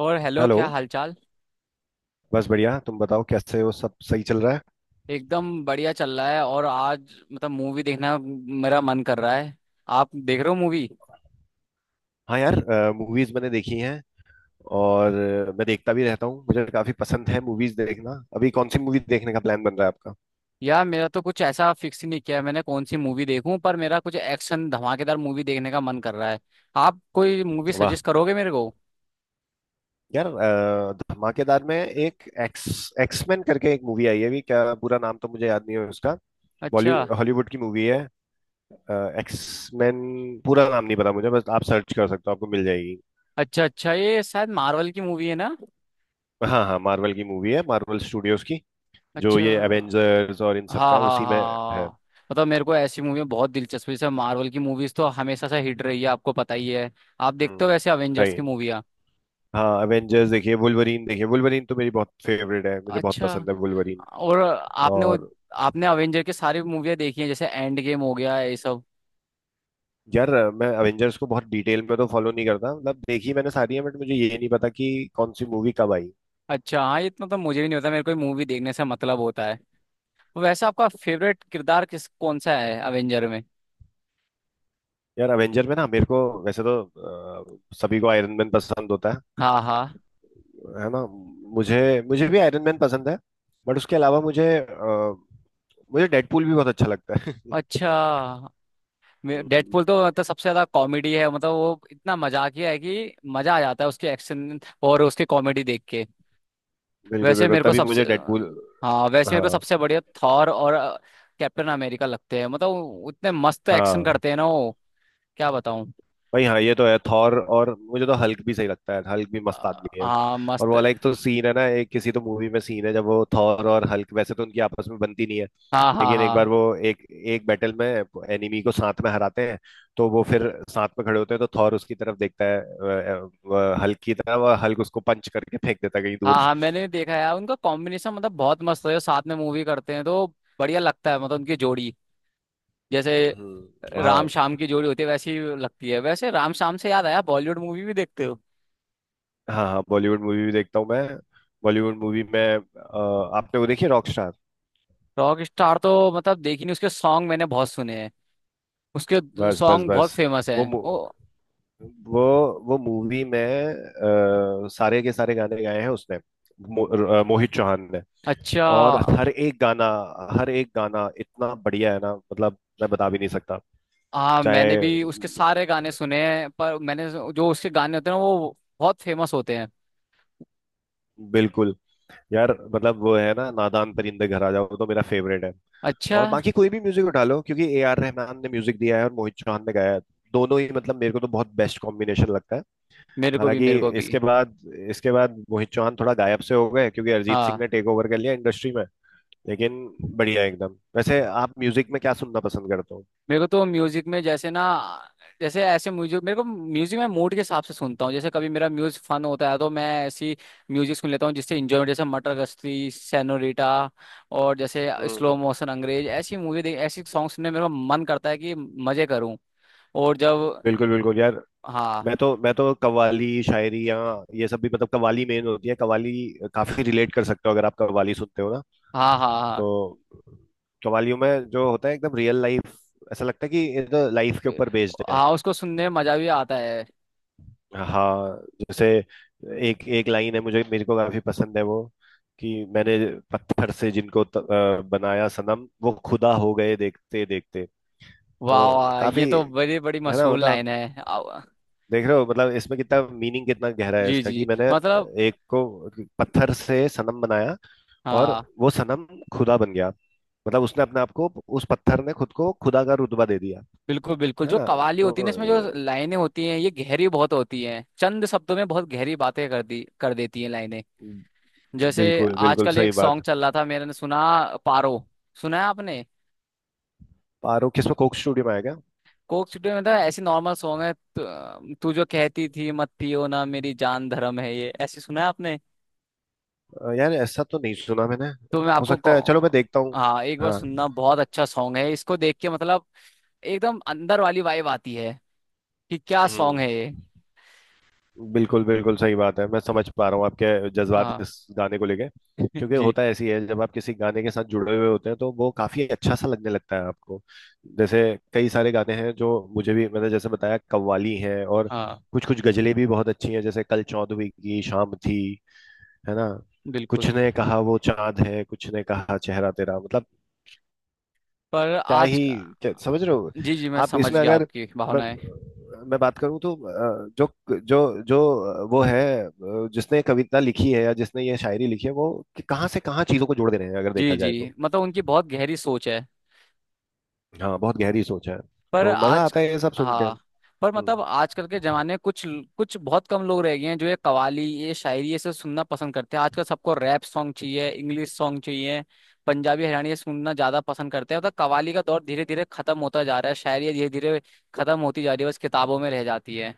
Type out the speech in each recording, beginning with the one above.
और hello, hello. क्या हालचाल। बस बढ़िया, तुम बताओ कैसे हो, सब सही चल रहा है। एकदम बढ़िया चल रहा है। और आज मूवी देखना मेरा मन कर रहा है। आप देख रहे हो मूवी? हाँ यार, मूवीज मैंने देखी हैं। और मैं देखता भी रहता हूँ, मुझे काफी पसंद है मूवीज देखना। अभी कौन सी मूवी देखने का प्लान बन रहा है आपका? यार मेरा तो कुछ ऐसा फिक्स ही नहीं किया है मैंने कौन सी मूवी देखूं, पर मेरा कुछ एक्शन धमाकेदार मूवी देखने का मन कर रहा है। आप कोई मूवी वाह। सजेस्ट करोगे मेरे को? यार, धमाकेदार में एक एक्स एक्समैन करके एक मूवी आई है। अभी क्या, पूरा नाम तो मुझे याद नहीं है उसका। अच्छा, बॉलीवुड हॉलीवुड की मूवी है, एक्समैन। पूरा नाम नहीं पता मुझे, बस आप सर्च कर सकते हो, आपको मिल जाएगी। अच्छा अच्छा, ये शायद मार्वल की मूवी है ना? हाँ हाँ, मार्वल की मूवी है, मार्वल स्टूडियोज की। जो अच्छा। ये एवेंजर्स और इन सब का हाँ है, हाँ उसी में है। हाँ। मेरे को ऐसी मूवी में बहुत दिलचस्पी। जैसे मार्वल की मूवीज तो हमेशा से हिट रही है, आपको पता ही है। आप देखते हो हम्म। वैसे अवेंजर्स की राइट। मूवियाँ? हाँ, एवेंजर्स देखिए, वुल्वरीन देखिए। वुल्वरीन तो मेरी बहुत फेवरेट है, मुझे बहुत अच्छा। पसंद है वुल्वरीन। और आपने वो, और आपने अवेंजर के सारी मूवियाँ देखी हैं? जैसे एंड गेम हो गया ये सब। यार, मैं एवेंजर्स को बहुत डिटेल में तो फॉलो नहीं करता। मतलब देखी मैंने सारी है, बट मुझे ये नहीं पता कि कौन सी मूवी कब आई। अच्छा हाँ, ये इतना तो मुझे भी नहीं होता, मेरे को मूवी देखने से मतलब होता है। वैसे आपका फेवरेट किरदार किस कौन सा है अवेंजर में? यार, एवेंजर में ना मेरे को, वैसे तो सभी को आयरन मैन पसंद होता है हाँ हाँ। है ना? मुझे मुझे भी आयरन मैन पसंद है, बट उसके अलावा मुझे डेडपूल भी बहुत अच्छा लगता है। अच्छा। हम्म। डेडपुल तो सबसे ज्यादा कॉमेडी है, वो इतना मजाकिया है कि मजा आ जाता है उसके एक्शन और उसकी कॉमेडी देख के। बिल्कुल वैसे बिल्कुल, मेरे को तभी सबसे मुझे डेडपूल। हाँ, वैसे मेरे को हाँ सबसे बढ़िया थॉर और कैप्टन अमेरिका लगते हैं। वो उतने मस्त एक्शन हाँ। करते हैं ना वो, क्या बताऊं। भाई हाँ, ये तो है थॉर। और मुझे तो हल्क भी सही लगता है, हल्क भी मस्त आदमी है। हाँ और वो मस्त है। वाला एक तो सीन है ना, एक किसी तो मूवी में सीन है, जब वो थॉर और हल्क, वैसे तो उनकी आपस में बनती नहीं है, हाँ हाँ लेकिन एक हाँ। बार वो एक एक बैटल में एनिमी को साथ में हराते हैं, तो वो फिर साथ में खड़े होते हैं। तो थॉर उसकी तरफ देखता है, हल्क की तरफ, और हल्क उसको पंच करके फेंक देता है कहीं हाँ दूर। हाँ, मैंने देखा है उनका कॉम्बिनेशन, बहुत मस्त है जो साथ में मूवी करते हैं, तो बढ़िया लगता है उनकी जोड़ी। जैसे राम हाँ। शाम की जोड़ी होती है वैसी लगती है। वैसे राम शाम से याद आया, बॉलीवुड मूवी भी देखते हो? हाँ हाँ, बॉलीवुड मूवी भी देखता हूँ मैं। बॉलीवुड मूवी में, आपने वो देखी रॉक स्टार? रॉक स्टार तो देखी नहीं, उसके सॉन्ग मैंने बहुत सुने हैं। उसके बस बस सॉन्ग बहुत बस। फेमस हैं वो मु- ओ। वो वो मूवी में, सारे के सारे गाने गाए हैं उसने। मो, मोहित चौहान ने। अच्छा। और हर एक गाना, हर एक गाना इतना बढ़िया है ना, मतलब मैं बता भी नहीं सकता। हाँ मैंने चाहे, भी उसके सारे गाने सुने हैं, पर मैंने जो उसके गाने होते हैं ना वो बहुत फेमस होते हैं। बिल्कुल। यार मतलब, वो है ना, नादान परिंदे घर आ जाओ, वो तो मेरा फेवरेट है। अच्छा। और बाकी कोई भी म्यूजिक उठा लो, क्योंकि ए आर रहमान ने म्यूजिक दिया है और मोहित चौहान ने गाया है। दोनों ही मतलब मेरे को तो बहुत बेस्ट कॉम्बिनेशन लगता है। मेरे को भी, मेरे हालांकि को भी। इसके बाद, इसके बाद मोहित चौहान थोड़ा गायब से हो गए, क्योंकि अरिजीत सिंह हाँ, ने टेक ओवर कर लिया इंडस्ट्री में। लेकिन बढ़िया एकदम। वैसे आप म्यूजिक में क्या सुनना पसंद करते हो? मेरे को तो म्यूजिक में जैसे ना, जैसे ऐसे म्यूजिक मेरे को म्यूजिक मैं मूड के हिसाब से सुनता हूँ। जैसे कभी मेरा म्यूजिक फन होता है तो मैं ऐसी म्यूजिक सुन लेता हूँ जिससे इंजॉय, जैसे मटर गश्ती, सेनोरिटा, और जैसे हम्म स्लो हम्म। मोशन, अंग्रेज, ऐसी मूवी देख ऐसी सॉन्ग सुनने में मेरा मन करता है कि मजे करूँ। और जब, बिल्कुल बिल्कुल यार। हाँ मैं तो कव्वाली, शायरी, या ये सब भी, मतलब कव्वाली मेन होती है, कव्वाली। काफी रिलेट कर सकते हो अगर आप कव्वाली सुनते हो ना। हाँ हाँ। तो हाँ कव्वालियों में जो होता है एकदम रियल लाइफ, ऐसा लगता है कि ये तो लाइफ के ऊपर बेस्ड है। हाँ, उसको सुनने में मजा भी आता है। हाँ। जैसे एक एक लाइन है, मुझे मेरे को काफी पसंद है वो, कि मैंने, पत्थर से जिनको बनाया सनम, वो खुदा हो गए देखते देखते। वाह तो वाह, ये काफी, तो है बड़ी बड़ी ना, मशहूर मतलब लाइन है। देख रहे हो, मतलब इसमें कितना मीनिंग, कितना गहरा है जी इसका, कि जी, मैंने मतलब। एक को पत्थर से सनम बनाया, और हाँ वो सनम खुदा बन गया। मतलब उसने अपने आप को, उस पत्थर ने खुद को खुदा का रुतबा दे दिया, बिल्कुल बिल्कुल, है जो ना? कवाली होती है ना, तो इसमें जो ए, लाइनें होती हैं ये गहरी बहुत होती हैं, चंद शब्दों में बहुत गहरी बातें कर देती हैं लाइनें। जैसे बिल्कुल बिल्कुल आजकल सही एक सॉन्ग बात। चल रहा था मैंने सुना, पारो, सुना है आपने? पारो किसमें, कोक स्टूडियो में आएगा? कोक स्टूडियो में था, ऐसी नॉर्मल सॉन्ग है। तू तू जो कहती थी मत पियो ना मेरी जान धर्म है ये, ऐसे सुना है आपने? यार ऐसा तो नहीं सुना मैंने। तो मैं हो आपको सकता है, चलो मैं कौ- देखता हूँ। हाँ, एक बार हाँ। सुनना, बहुत अच्छा सॉन्ग है। इसको देख के मतलब एकदम अंदर वाली वाइब आती है कि क्या हम्म। सॉन्ग है ये। बिल्कुल बिल्कुल सही बात है, मैं समझ पा रहा हूँ आपके जज्बात हाँ। इस गाने को लेके। क्योंकि जी। होता ऐसी है, जब आप किसी गाने के साथ जुड़े हुए होते हैं तो वो काफी अच्छा सा लगने लगता है आपको। जैसे कई सारे गाने हैं जो मुझे भी, मैंने जैसे बताया कव्वाली हैं, और हाँ कुछ कुछ गजलें भी बहुत अच्छी हैं, जैसे कल चौदहवीं की शाम थी, है ना, बिल्कुल। कुछ ने कहा वो चांद है, कुछ ने कहा चेहरा तेरा, मतलब पर क्या आज, ही क्या, समझ रहे हो? जी जी मैं आप समझ इसमें गया अगर आपकी मैं भावनाएं। मैं बात करूं तो, जो जो जो वो है, जिसने कविता लिखी है या जिसने ये शायरी लिखी है वो, कि कहाँ से कहाँ चीजों को जोड़ दे रहे हैं अगर देखा जी जी, जाए तो। मतलब उनकी बहुत गहरी सोच है। हाँ बहुत गहरी सोच है, पर तो मजा आज, आता है ये सब सुन के। हाँ। पर हम्म। आजकल के जमाने में कुछ कुछ बहुत कम लोग रह गए हैं जो ये कवाली, ये शायरी, ये सब सुनना पसंद करते हैं। आजकल सबको रैप सॉन्ग चाहिए, इंग्लिश सॉन्ग चाहिए, पंजाबी हरियाणवी सुनना ज्यादा पसंद करते हैं। कवाली का दौर धीरे धीरे खत्म होता जा रहा है, शायरी धीरे धीरे खत्म होती जा रही है, बस किताबों में रह जाती है।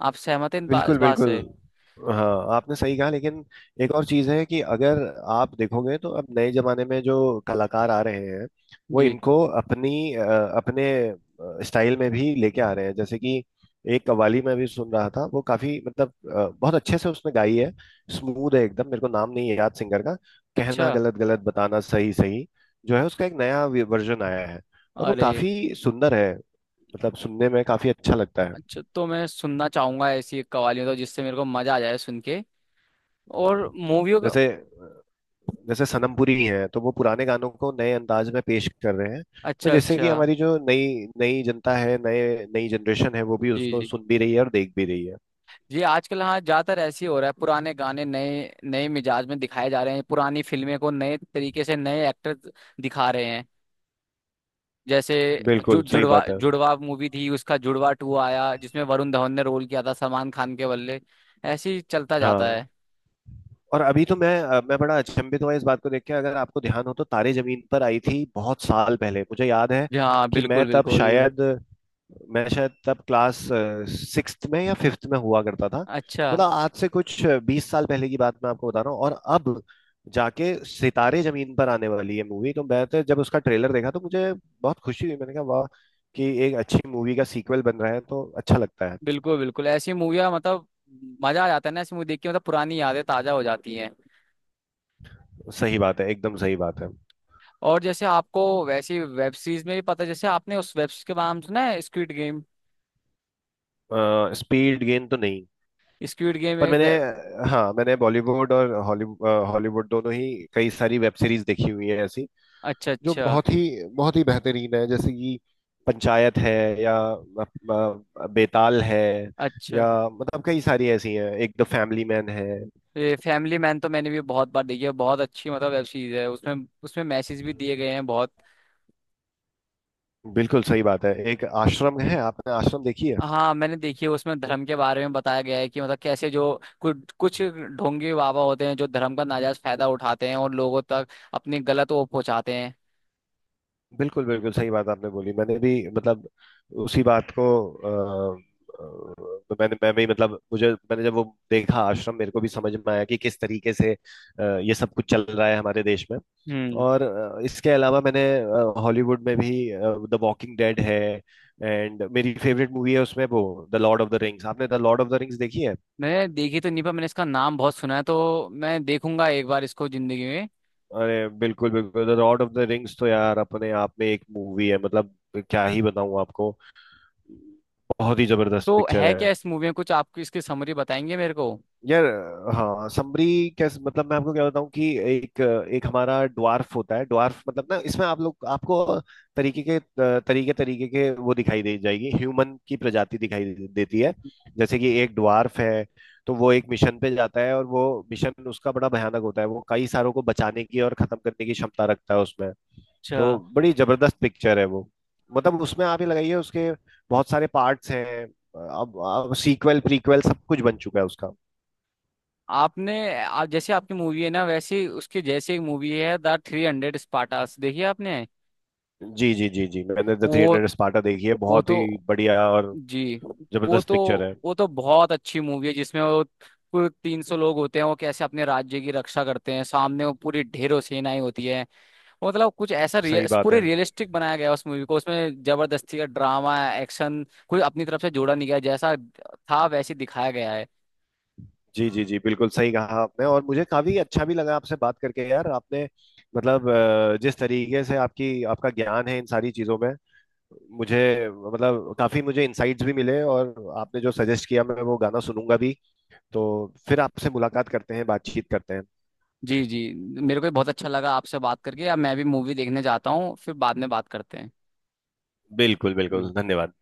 आप सहमत हैं इस बिल्कुल बात बिल्कुल। से? हाँ आपने सही कहा, लेकिन एक और चीज़ है कि अगर आप देखोगे तो अब नए जमाने में जो कलाकार आ रहे हैं, वो जी। इनको अपने स्टाइल में भी लेके आ रहे हैं। जैसे कि एक कव्वाली में भी सुन रहा था, वो काफी मतलब बहुत अच्छे से उसने गाई है, स्मूथ है एकदम। मेरे को नाम नहीं है याद सिंगर का, कहना अच्छा। गलत गलत, बताना सही सही। जो है उसका एक नया वर्जन आया है, और वो अरे। काफी सुंदर है, मतलब सुनने में काफी अच्छा लगता है। अच्छा, तो मैं सुनना चाहूंगा ऐसी एक कवालियां तो, जिससे मेरे को मजा आ जाए सुन के। हम्म। और मूवियों का। जैसे, जैसे सनम पुरी हैं तो वो पुराने गानों को नए अंदाज में पेश कर रहे हैं। तो अच्छा जैसे अच्छा। कि हमारी जो नई नई जनता है, नए नई जनरेशन है, वो भी जी उसको जी सुन भी रही है और देख भी रही है। जी, आजकल हाँ ज्यादातर ऐसे ही हो रहा है, पुराने गाने नए नए मिजाज में दिखाए जा रहे हैं, पुरानी फिल्में को नए तरीके से नए एक्टर दिखा रहे हैं। जैसे जु, बिल्कुल सही जुड़वा बात है। जुड़वा मूवी थी, उसका जुड़वा टू आया जिसमें वरुण धवन ने रोल किया था सलमान खान के बल्ले। ऐसे ही चलता जाता हाँ है। और अभी तो मैं बड़ा अचंभित हुआ इस बात को देख के। अगर आपको ध्यान हो तो तारे जमीन पर आई थी बहुत साल पहले, मुझे याद है जी हाँ कि बिल्कुल बिल्कुल। मैं शायद तब क्लास सिक्स्थ में या फिफ्थ में हुआ करता था। अच्छा। मतलब आज से कुछ 20 साल पहले की बात मैं आपको बता रहा हूँ, और अब जाके सितारे जमीन पर आने वाली है मूवी। तो मैं तो जब उसका ट्रेलर देखा तो मुझे बहुत खुशी हुई, मैंने कहा वाह, कि एक अच्छी मूवी का सीक्वल बन रहा है तो अच्छा लगता है। बिल्कुल बिल्कुल, ऐसी मूवियाँ मजा आ जाता है ना ऐसी मूवी देख के, मतलब पुरानी यादें ताजा हो जाती हैं। सही बात है, एकदम सही बात है। और जैसे आपको वैसी वेब सीरीज में भी पता है? जैसे आपने उस वेब सीरीज के नाम सुना है स्क्विड गेम? स्पीड गेन तो नहीं, स्क्विड गेम पर एक मैंने, हाँ मैंने बॉलीवुड और हॉलीवुड हॉलीवुड दोनों ही कई सारी वेब सीरीज देखी हुई है ऐसी, अच्छा जो अच्छा। बहुत ही बेहतरीन है, जैसे कि पंचायत है, या बेताल है, अच्छा, या मतलब कई सारी ऐसी हैं, एक द फैमिली मैन है। ये फैमिली मैन तो मैंने भी बहुत बार देखी है, बहुत अच्छी वेब सीरीज है, उसमें उसमें मैसेज भी दिए गए हैं बहुत। बिल्कुल सही बात है, एक आश्रम है। आपने आश्रम देखी है? हाँ मैंने देखी है, उसमें धर्म के बारे में बताया गया है कि मतलब कैसे जो कुछ कुछ ढोंगी बाबा होते हैं जो धर्म का नाजायज फायदा उठाते हैं और लोगों तक अपनी गलत वो पहुंचाते हैं। बिल्कुल बिल्कुल सही बात आपने बोली, मैंने भी मतलब उसी बात को, अ, मैं भी मतलब मुझे मैंने जब वो देखा आश्रम, मेरे को भी समझ में आया कि किस तरीके से ये सब कुछ चल रहा है हमारे देश में। हम्म। और इसके अलावा मैंने हॉलीवुड में भी द वॉकिंग डेड है, एंड मेरी फेवरेट मूवी है उसमें वो, the Lord of the Rings. आपने the Lord of the Rings देखी है? मैंने देखी तो नहीं, पर मैंने इसका नाम बहुत सुना है, तो मैं देखूंगा एक बार इसको जिंदगी में। अरे बिल्कुल बिल्कुल, the Lord of the Rings तो यार अपने आप में एक मूवी है, मतलब क्या ही बताऊं आपको, बहुत ही जबरदस्त तो पिक्चर है है। क्या इस मूवी में कुछ, आपको इसकी समरी बताएंगे मेरे को? यार, हाँ समरी, कैसे मतलब मैं आपको क्या बताऊं कि, एक एक हमारा ड्वार्फ होता है, ड्वार्फ मतलब ना, इसमें आप लोग आपको तरीके के तरीके तरीके के वो दिखाई दे जाएगी, ह्यूमन की प्रजाति देती है। जैसे कि एक ड्वार्फ है, तो वो एक मिशन पे जाता है, और वो मिशन उसका बड़ा भयानक होता है, वो कई सारों को बचाने की और खत्म करने की क्षमता रखता है उसमें। अच्छा। तो बड़ी जबरदस्त पिक्चर है वो, मतलब उसमें आप ये लगाइए, उसके बहुत सारे पार्ट्स हैं, अब सीक्वल प्रीक्वल सब कुछ बन चुका है उसका। आपने आप जैसे आपकी मूवी है ना, वैसे उसके जैसे एक मूवी है द 300 स्पार्टास, देखिए आपने। जी जी जी जी, मैंने द थ्री वो हंड्रेड स्पार्टा देखी है, वो बहुत ही तो, बढ़िया और जी, वो जबरदस्त तो, पिक्चर है। वो तो बहुत अच्छी मूवी है जिसमें वो कुल 300 लोग होते हैं, वो कैसे अपने राज्य की रक्षा करते हैं, सामने वो पूरी ढेरों सेनाएं होती है। तो कुछ ऐसा सही रियल, बात पूरे है। रियलिस्टिक बनाया गया है उस मूवी को। उसमें जबरदस्ती का ड्रामा, एक्शन, कोई अपनी तरफ से जोड़ा नहीं गया, जैसा था वैसे दिखाया गया है। जी जी जी, बिल्कुल सही कहा आपने, और मुझे काफी अच्छा भी लगा आपसे बात करके। यार आपने मतलब, जिस तरीके से आपकी आपका ज्ञान है इन सारी चीजों में, मुझे मतलब काफी मुझे इंसाइट्स भी मिले, और आपने जो सजेस्ट किया, मैं वो गाना सुनूंगा भी। तो फिर आपसे मुलाकात करते हैं, बातचीत करते हैं। जी जी, मेरे को भी बहुत अच्छा लगा आपसे बात करके। अब मैं भी मूवी देखने जाता हूँ, फिर बाद में बात करते हैं। बिल्कुल बिल्कुल, बिल्कुल। धन्यवाद।